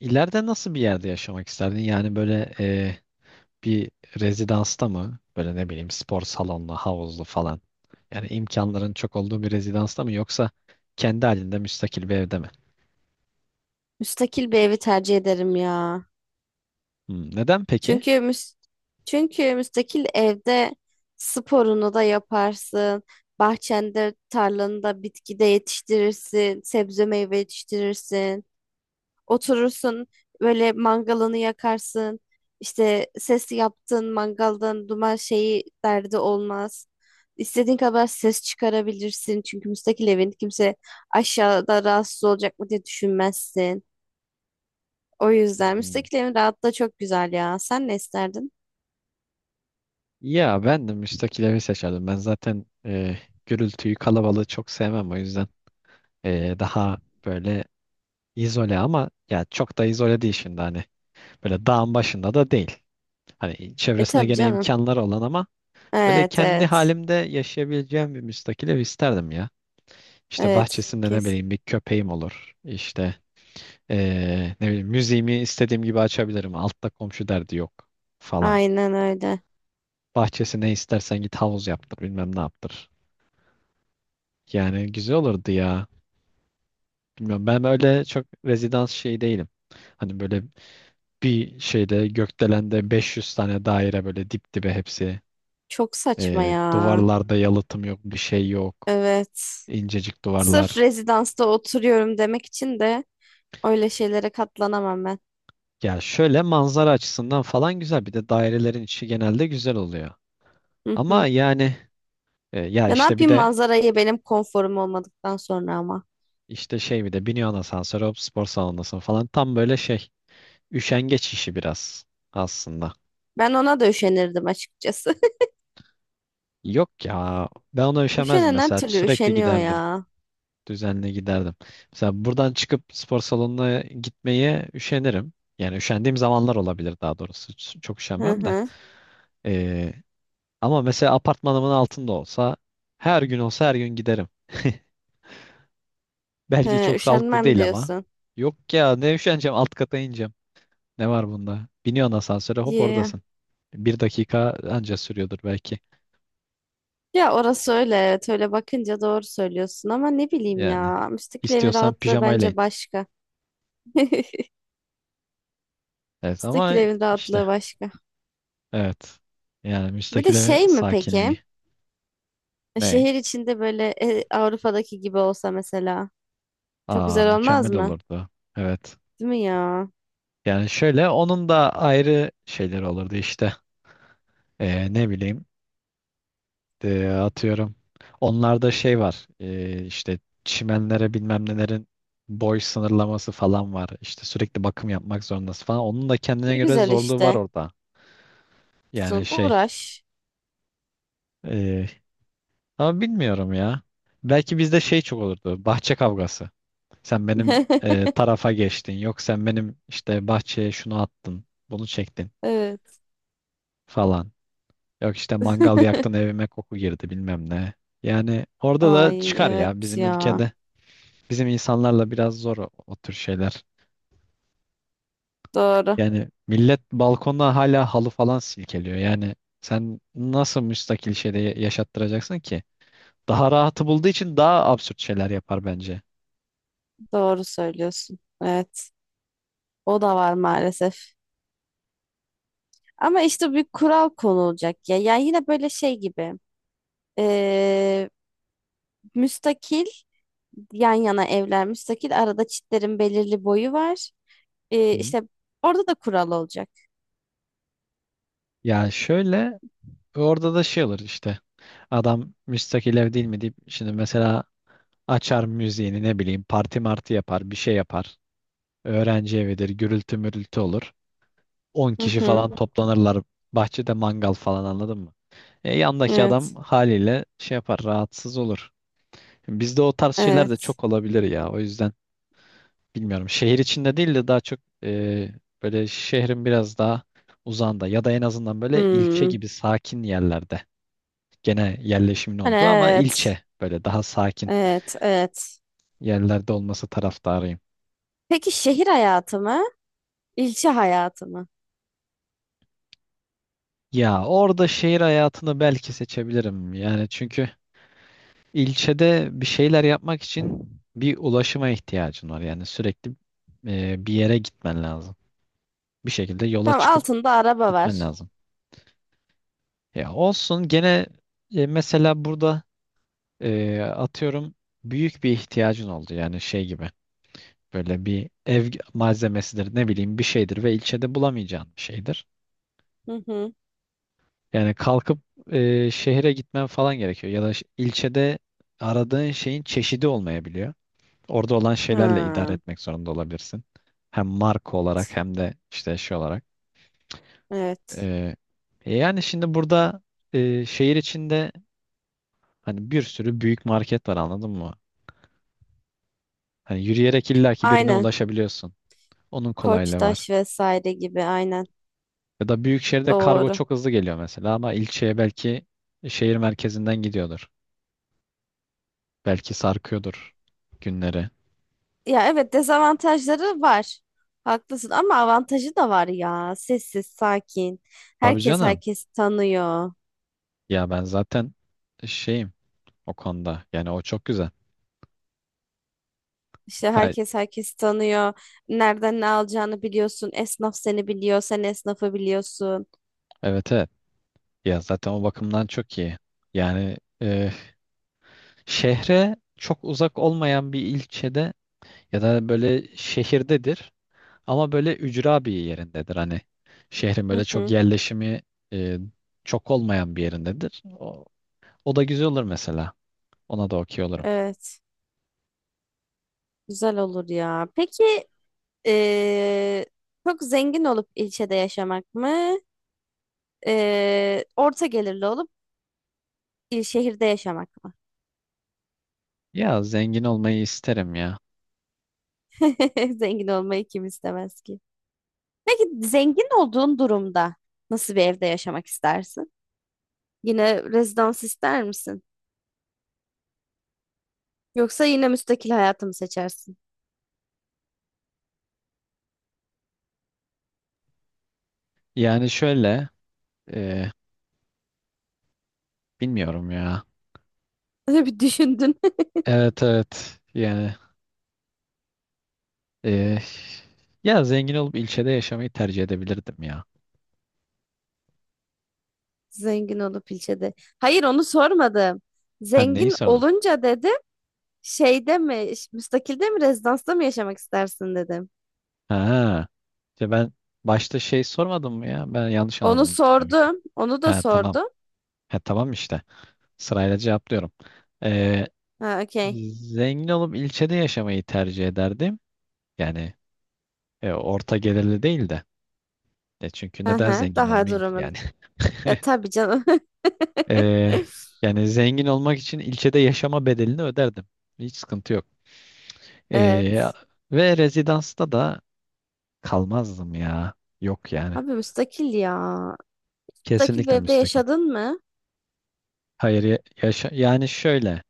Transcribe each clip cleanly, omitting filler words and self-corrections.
İleride nasıl bir yerde yaşamak isterdin? Yani böyle bir rezidansta mı? Böyle ne bileyim spor salonlu, havuzlu falan. Yani imkanların çok olduğu bir rezidansta mı yoksa kendi halinde müstakil bir evde mi? Müstakil bir evi tercih ederim ya. Hmm, neden peki? Çünkü çünkü müstakil evde sporunu da yaparsın. Bahçende, tarlanında bitki de yetiştirirsin, sebze meyve yetiştirirsin. Oturursun böyle mangalını yakarsın. İşte ses yaptığın mangaldan duman şeyi derdi olmaz. İstediğin kadar ses çıkarabilirsin. Çünkü müstakil evin kimse aşağıda rahatsız olacak mı diye düşünmezsin. O yüzden Hmm. müstakil evin rahatlığı çok güzel ya. Sen ne isterdin? Ya ben de müstakil evi seçerdim. Ben zaten gürültüyü, kalabalığı çok sevmem, o yüzden daha böyle izole, ama ya çok da izole değil şimdi hani. Böyle dağın başında da değil. Hani E çevresine tabii gene canım. imkanları olan ama böyle Evet kendi evet. halimde yaşayabileceğim bir müstakil ev isterdim ya. İşte Evet. bahçesinde ne Kes. bileyim bir köpeğim olur. İşte ne bileyim müziğimi istediğim gibi açabilirim. Altta komşu derdi yok falan. Aynen öyle. Bahçesi ne istersen git havuz yaptır bilmem ne yaptır. Yani güzel olurdu ya. Bilmiyorum, ben böyle çok rezidans şey değilim. Hani böyle bir şeyde, gökdelende 500 tane daire, böyle dip dibe hepsi. Çok saçma ya. Duvarlarda yalıtım yok, bir şey yok. Evet. İncecik Sırf duvarlar. rezidansta oturuyorum demek için de öyle şeylere katlanamam ben. Ya şöyle manzara açısından falan güzel. Bir de dairelerin içi genelde güzel oluyor. Hı Ama hı. yani ya Ya ne işte bir yapayım de manzarayı benim konforum olmadıktan sonra ama. işte şey, bir de biniyorsun asansöre hop spor salonundasın falan. Tam böyle şey, üşengeç işi biraz aslında. Ben ona da üşenirdim açıkçası. Yok ya, ben ona üşemezdim Üşenen her mesela, türlü sürekli üşeniyor giderdim. ya. Düzenli giderdim. Mesela buradan çıkıp spor salonuna gitmeye üşenirim. Yani üşendiğim zamanlar olabilir daha doğrusu. Çok Hı üşenmem de. hı. E, Ama mesela apartmanımın altında olsa her gün, olsa her gün giderim. Belki He, çok sağlıklı üşenmem değil ama. diyorsun. Yok ya, ne üşeneceğim alt kata ineceğim. Ne var bunda? Biniyorsun asansöre, hop Ya. oradasın. Bir dakika anca sürüyordur belki. Ya orası öyle evet öyle bakınca doğru söylüyorsun ama ne bileyim Yani ya müstakil evin istiyorsan rahatlığı pijamayla in. bence başka. Evet, Müstakil ama evin işte rahatlığı başka. evet. Yani Bir de müstakil evin şey mi peki? sakinliği. Ne? Şehir içinde böyle Avrupa'daki gibi olsa mesela çok Aa, güzel olmaz mükemmel mı? olurdu. Evet. Değil mi ya? Yani şöyle, onun da ayrı şeyleri olurdu işte. Ne bileyim. Atıyorum. Onlarda şey var. İşte çimenlere, bilmem nelerin boy sınırlaması falan var. İşte sürekli bakım yapmak zorundasın falan. Onun da kendine Ne göre güzel zorluğu var işte. orada. Yani Sun şey, uğraş. e, ama bilmiyorum ya. Belki bizde şey çok olurdu. Bahçe kavgası. Sen benim tarafa geçtin. Yok, sen benim işte bahçeye şunu attın. Bunu çektin Evet. falan. Yok işte mangal yaktın, evime koku girdi bilmem ne. Yani orada da Ay çıkar evet ya bizim ya. ülkede. Bizim insanlarla biraz zor o tür şeyler. Doğru. Yani millet balkonda hala halı falan silkeliyor. Yani sen nasıl müstakil şeyde yaşattıracaksın ki? Daha rahatı bulduğu için daha absürt şeyler yapar bence. Doğru söylüyorsun. Evet. O da var maalesef. Ama işte bir kural konulacak ya. Yani yine böyle şey gibi. Ee, Müstakil yan yana evler müstakil. Arada çitlerin belirli boyu var. Hı. İşte orada da kural olacak. Yani şöyle, orada da şey olur işte. Adam müstakil ev değil mi deyip şimdi mesela açar müziğini, ne bileyim parti marti yapar, bir şey yapar. Öğrenci evidir, gürültü mürültü olur. 10 Hı kişi hı. falan toplanırlar. Bahçede mangal falan, anladın mı? Yandaki adam Evet. haliyle şey yapar, rahatsız olur. Bizde o tarz şeyler de Evet. çok olabilir ya. O yüzden bilmiyorum. Şehir içinde değil de daha çok e, böyle şehrin biraz daha uzağında ya da en azından böyle ilçe Hmm. gibi sakin yerlerde. Gene yerleşimin Hani olduğu ama evet. ilçe böyle daha sakin Evet. Evet. yerlerde olması taraftarıyım. Peki şehir hayatı mı? İlçe hayatı mı? Ya orada şehir hayatını belki seçebilirim. Yani çünkü İlçede bir şeyler yapmak için bir ulaşıma ihtiyacın var. Yani sürekli bir yere gitmen lazım. Bir şekilde yola Tam çıkıp altında araba gitmen var. lazım. Ya olsun, gene mesela burada atıyorum büyük bir ihtiyacın oldu. Yani şey gibi, böyle bir ev malzemesidir, ne bileyim bir şeydir ve ilçede bulamayacağın bir şeydir. Hı hı. Yani kalkıp şehre gitmen falan gerekiyor. Ya da ilçede aradığın şeyin çeşidi olmayabiliyor. Orada olan şeylerle idare Ha, etmek zorunda olabilirsin. Hem marka olarak hem de işte şey olarak. evet. Ee, yani şimdi burada şehir içinde hani bir sürü büyük market var, anladın mı? Hani yürüyerek illaki birine Aynen. ulaşabiliyorsun. Onun kolaylığı var. Koçtaş vesaire gibi aynen. Ya da büyük şehirde kargo Doğru. çok hızlı geliyor mesela, ama ilçeye belki şehir merkezinden gidiyordur. Belki sarkıyordur günleri. Ya evet dezavantajları var. Haklısın ama avantajı da var ya. Sessiz, sakin. Tabii Herkes canım. herkesi tanıyor. Ya ben zaten şeyim o konuda. Yani o çok güzel. İşte Ha, herkes herkesi tanıyor. Nereden ne alacağını biliyorsun. Esnaf seni biliyor. Sen esnafı biliyorsun. evet, evet. Ya zaten o bakımdan çok iyi. Yani e, şehre çok uzak olmayan bir ilçede ya da böyle şehirdedir ama böyle ücra bir yerindedir. Hani şehrin böyle Hı çok hı. yerleşimi e, çok olmayan bir yerindedir. O da güzel olur mesela. Ona da okey olurum. Evet. Güzel olur ya. Peki Ee, çok zengin olup ilçede yaşamak mı? Orta gelirli olup il şehirde yaşamak mı? Ya zengin olmayı isterim ya. Zengin olmayı kim istemez ki? Peki zengin olduğun durumda nasıl bir evde yaşamak istersin? Yine rezidans ister misin? Yoksa yine müstakil hayatı mı seçersin? Yani şöyle e, bilmiyorum ya. Öyle bir düşündün. Evet evet, yani e, ya zengin olup ilçede yaşamayı tercih edebilirdim ya. Zengin olup ilçede. Hayır onu sormadım. Ha, neyi Zengin sordun? olunca dedim şeyde mi, müstakilde mi, rezidansta mı yaşamak istersin dedim. Ha. İşte ben başta şey sormadım mı ya? Ben yanlış Onu anladım demek ki. sordum. Onu da Ha tamam. sordum. Ha tamam işte. Sırayla cevaplıyorum. Ee, Ha, okey. Zengin olup ilçede yaşamayı tercih ederdim. Yani orta gelirli değil de. Çünkü Hı neden hı, zengin daha olmayayım ki durumun. yani? Ya tabii canım. Ee, Yani zengin olmak için ilçede yaşama bedelini öderdim. Hiç sıkıntı yok. Ee, Evet. Ve rezidansta da kalmazdım ya. Yok yani. Abi müstakil ya. Müstakil bir Kesinlikle evde müstakil. yaşadın mı? Hayır, yaşa yani şöyle.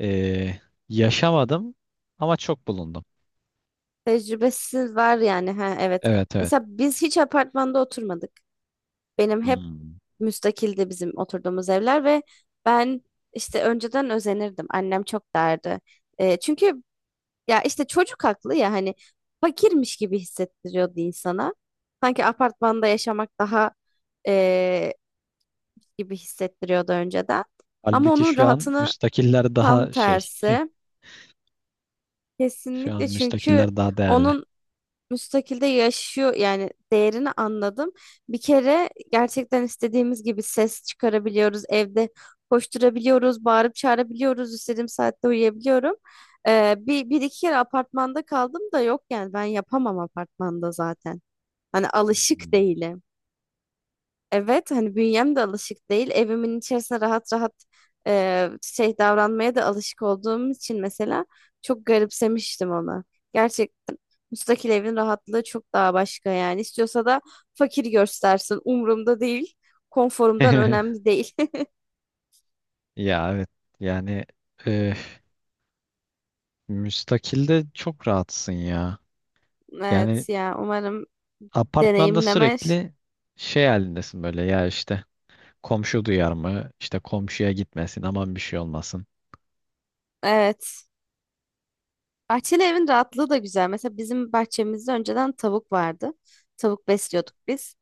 Ee, Yaşamadım ama çok bulundum. Tecrübesiz var yani. Ha, evet. Evet, evet. Mesela biz hiç apartmanda oturmadık. Benim hep Hmm. müstakildi bizim oturduğumuz evler ve ben işte önceden özenirdim. Annem çok derdi. E, çünkü ya işte çocuk haklı ya hani fakirmiş gibi hissettiriyordu insana. Sanki apartmanda yaşamak daha eee, gibi hissettiriyordu önceden. Ama Halbuki onun şu an rahatını müstakiller tam daha şey. tersi. Şu an Kesinlikle çünkü müstakiller daha değerli. onun müstakilde yaşıyor yani değerini anladım. Bir kere gerçekten istediğimiz gibi ses çıkarabiliyoruz. Evde koşturabiliyoruz, bağırıp çağırabiliyoruz. İstediğim saatte uyuyabiliyorum. Bir iki kere apartmanda kaldım da yok yani ben yapamam apartmanda zaten. Hani alışık Hmm. değilim. Evet hani bünyem de alışık değil. Evimin içerisinde rahat rahat şey davranmaya da alışık olduğum için mesela çok garipsemiştim onu. Gerçekten müstakil evin rahatlığı çok daha başka yani. İstiyorsa da fakir göstersin. Umurumda değil. Konforumdan önemli değil. Ya evet. Yani e, müstakilde çok rahatsın ya. Evet Yani ya umarım apartmanda deneyimlemer. sürekli şey halindesin, böyle ya işte komşu duyar mı? İşte komşuya gitmesin, aman bir şey olmasın. Evet. Bahçeli evin rahatlığı da güzel. Mesela bizim bahçemizde önceden tavuk vardı. Tavuk besliyorduk biz.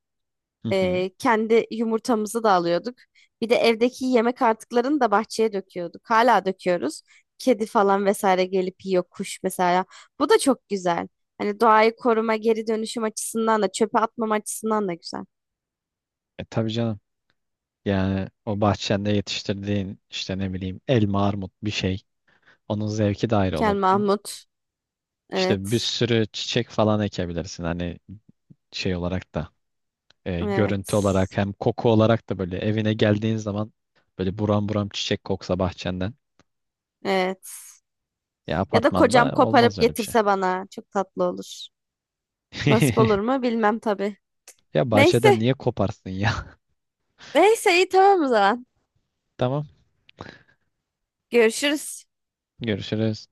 Hı hı. Kendi yumurtamızı da alıyorduk. Bir de evdeki yemek artıklarını da bahçeye döküyorduk. Hala döküyoruz. Kedi falan vesaire gelip yiyor, kuş mesela. Bu da çok güzel. Hani doğayı koruma, geri dönüşüm açısından da çöpe atmam açısından da güzel. E tabii canım. Yani o bahçende yetiştirdiğin işte, ne bileyim, elma, armut bir şey. Onun zevki de ayrı Kel olur. Mahmut. İşte bir Evet. sürü çiçek falan ekebilirsin. Hani şey olarak da Evet. görüntü olarak hem koku olarak da böyle evine geldiğin zaman böyle buram buram çiçek koksa bahçenden. Evet. Ya Ya da kocam apartmanda olmaz koparıp öyle bir şey. getirse bana çok tatlı olur. Nasip olur mu bilmem tabii. Ya bahçeden Neyse. niye koparsın ya? Neyse iyi tamam o zaman. Tamam. Görüşürüz. Görüşürüz.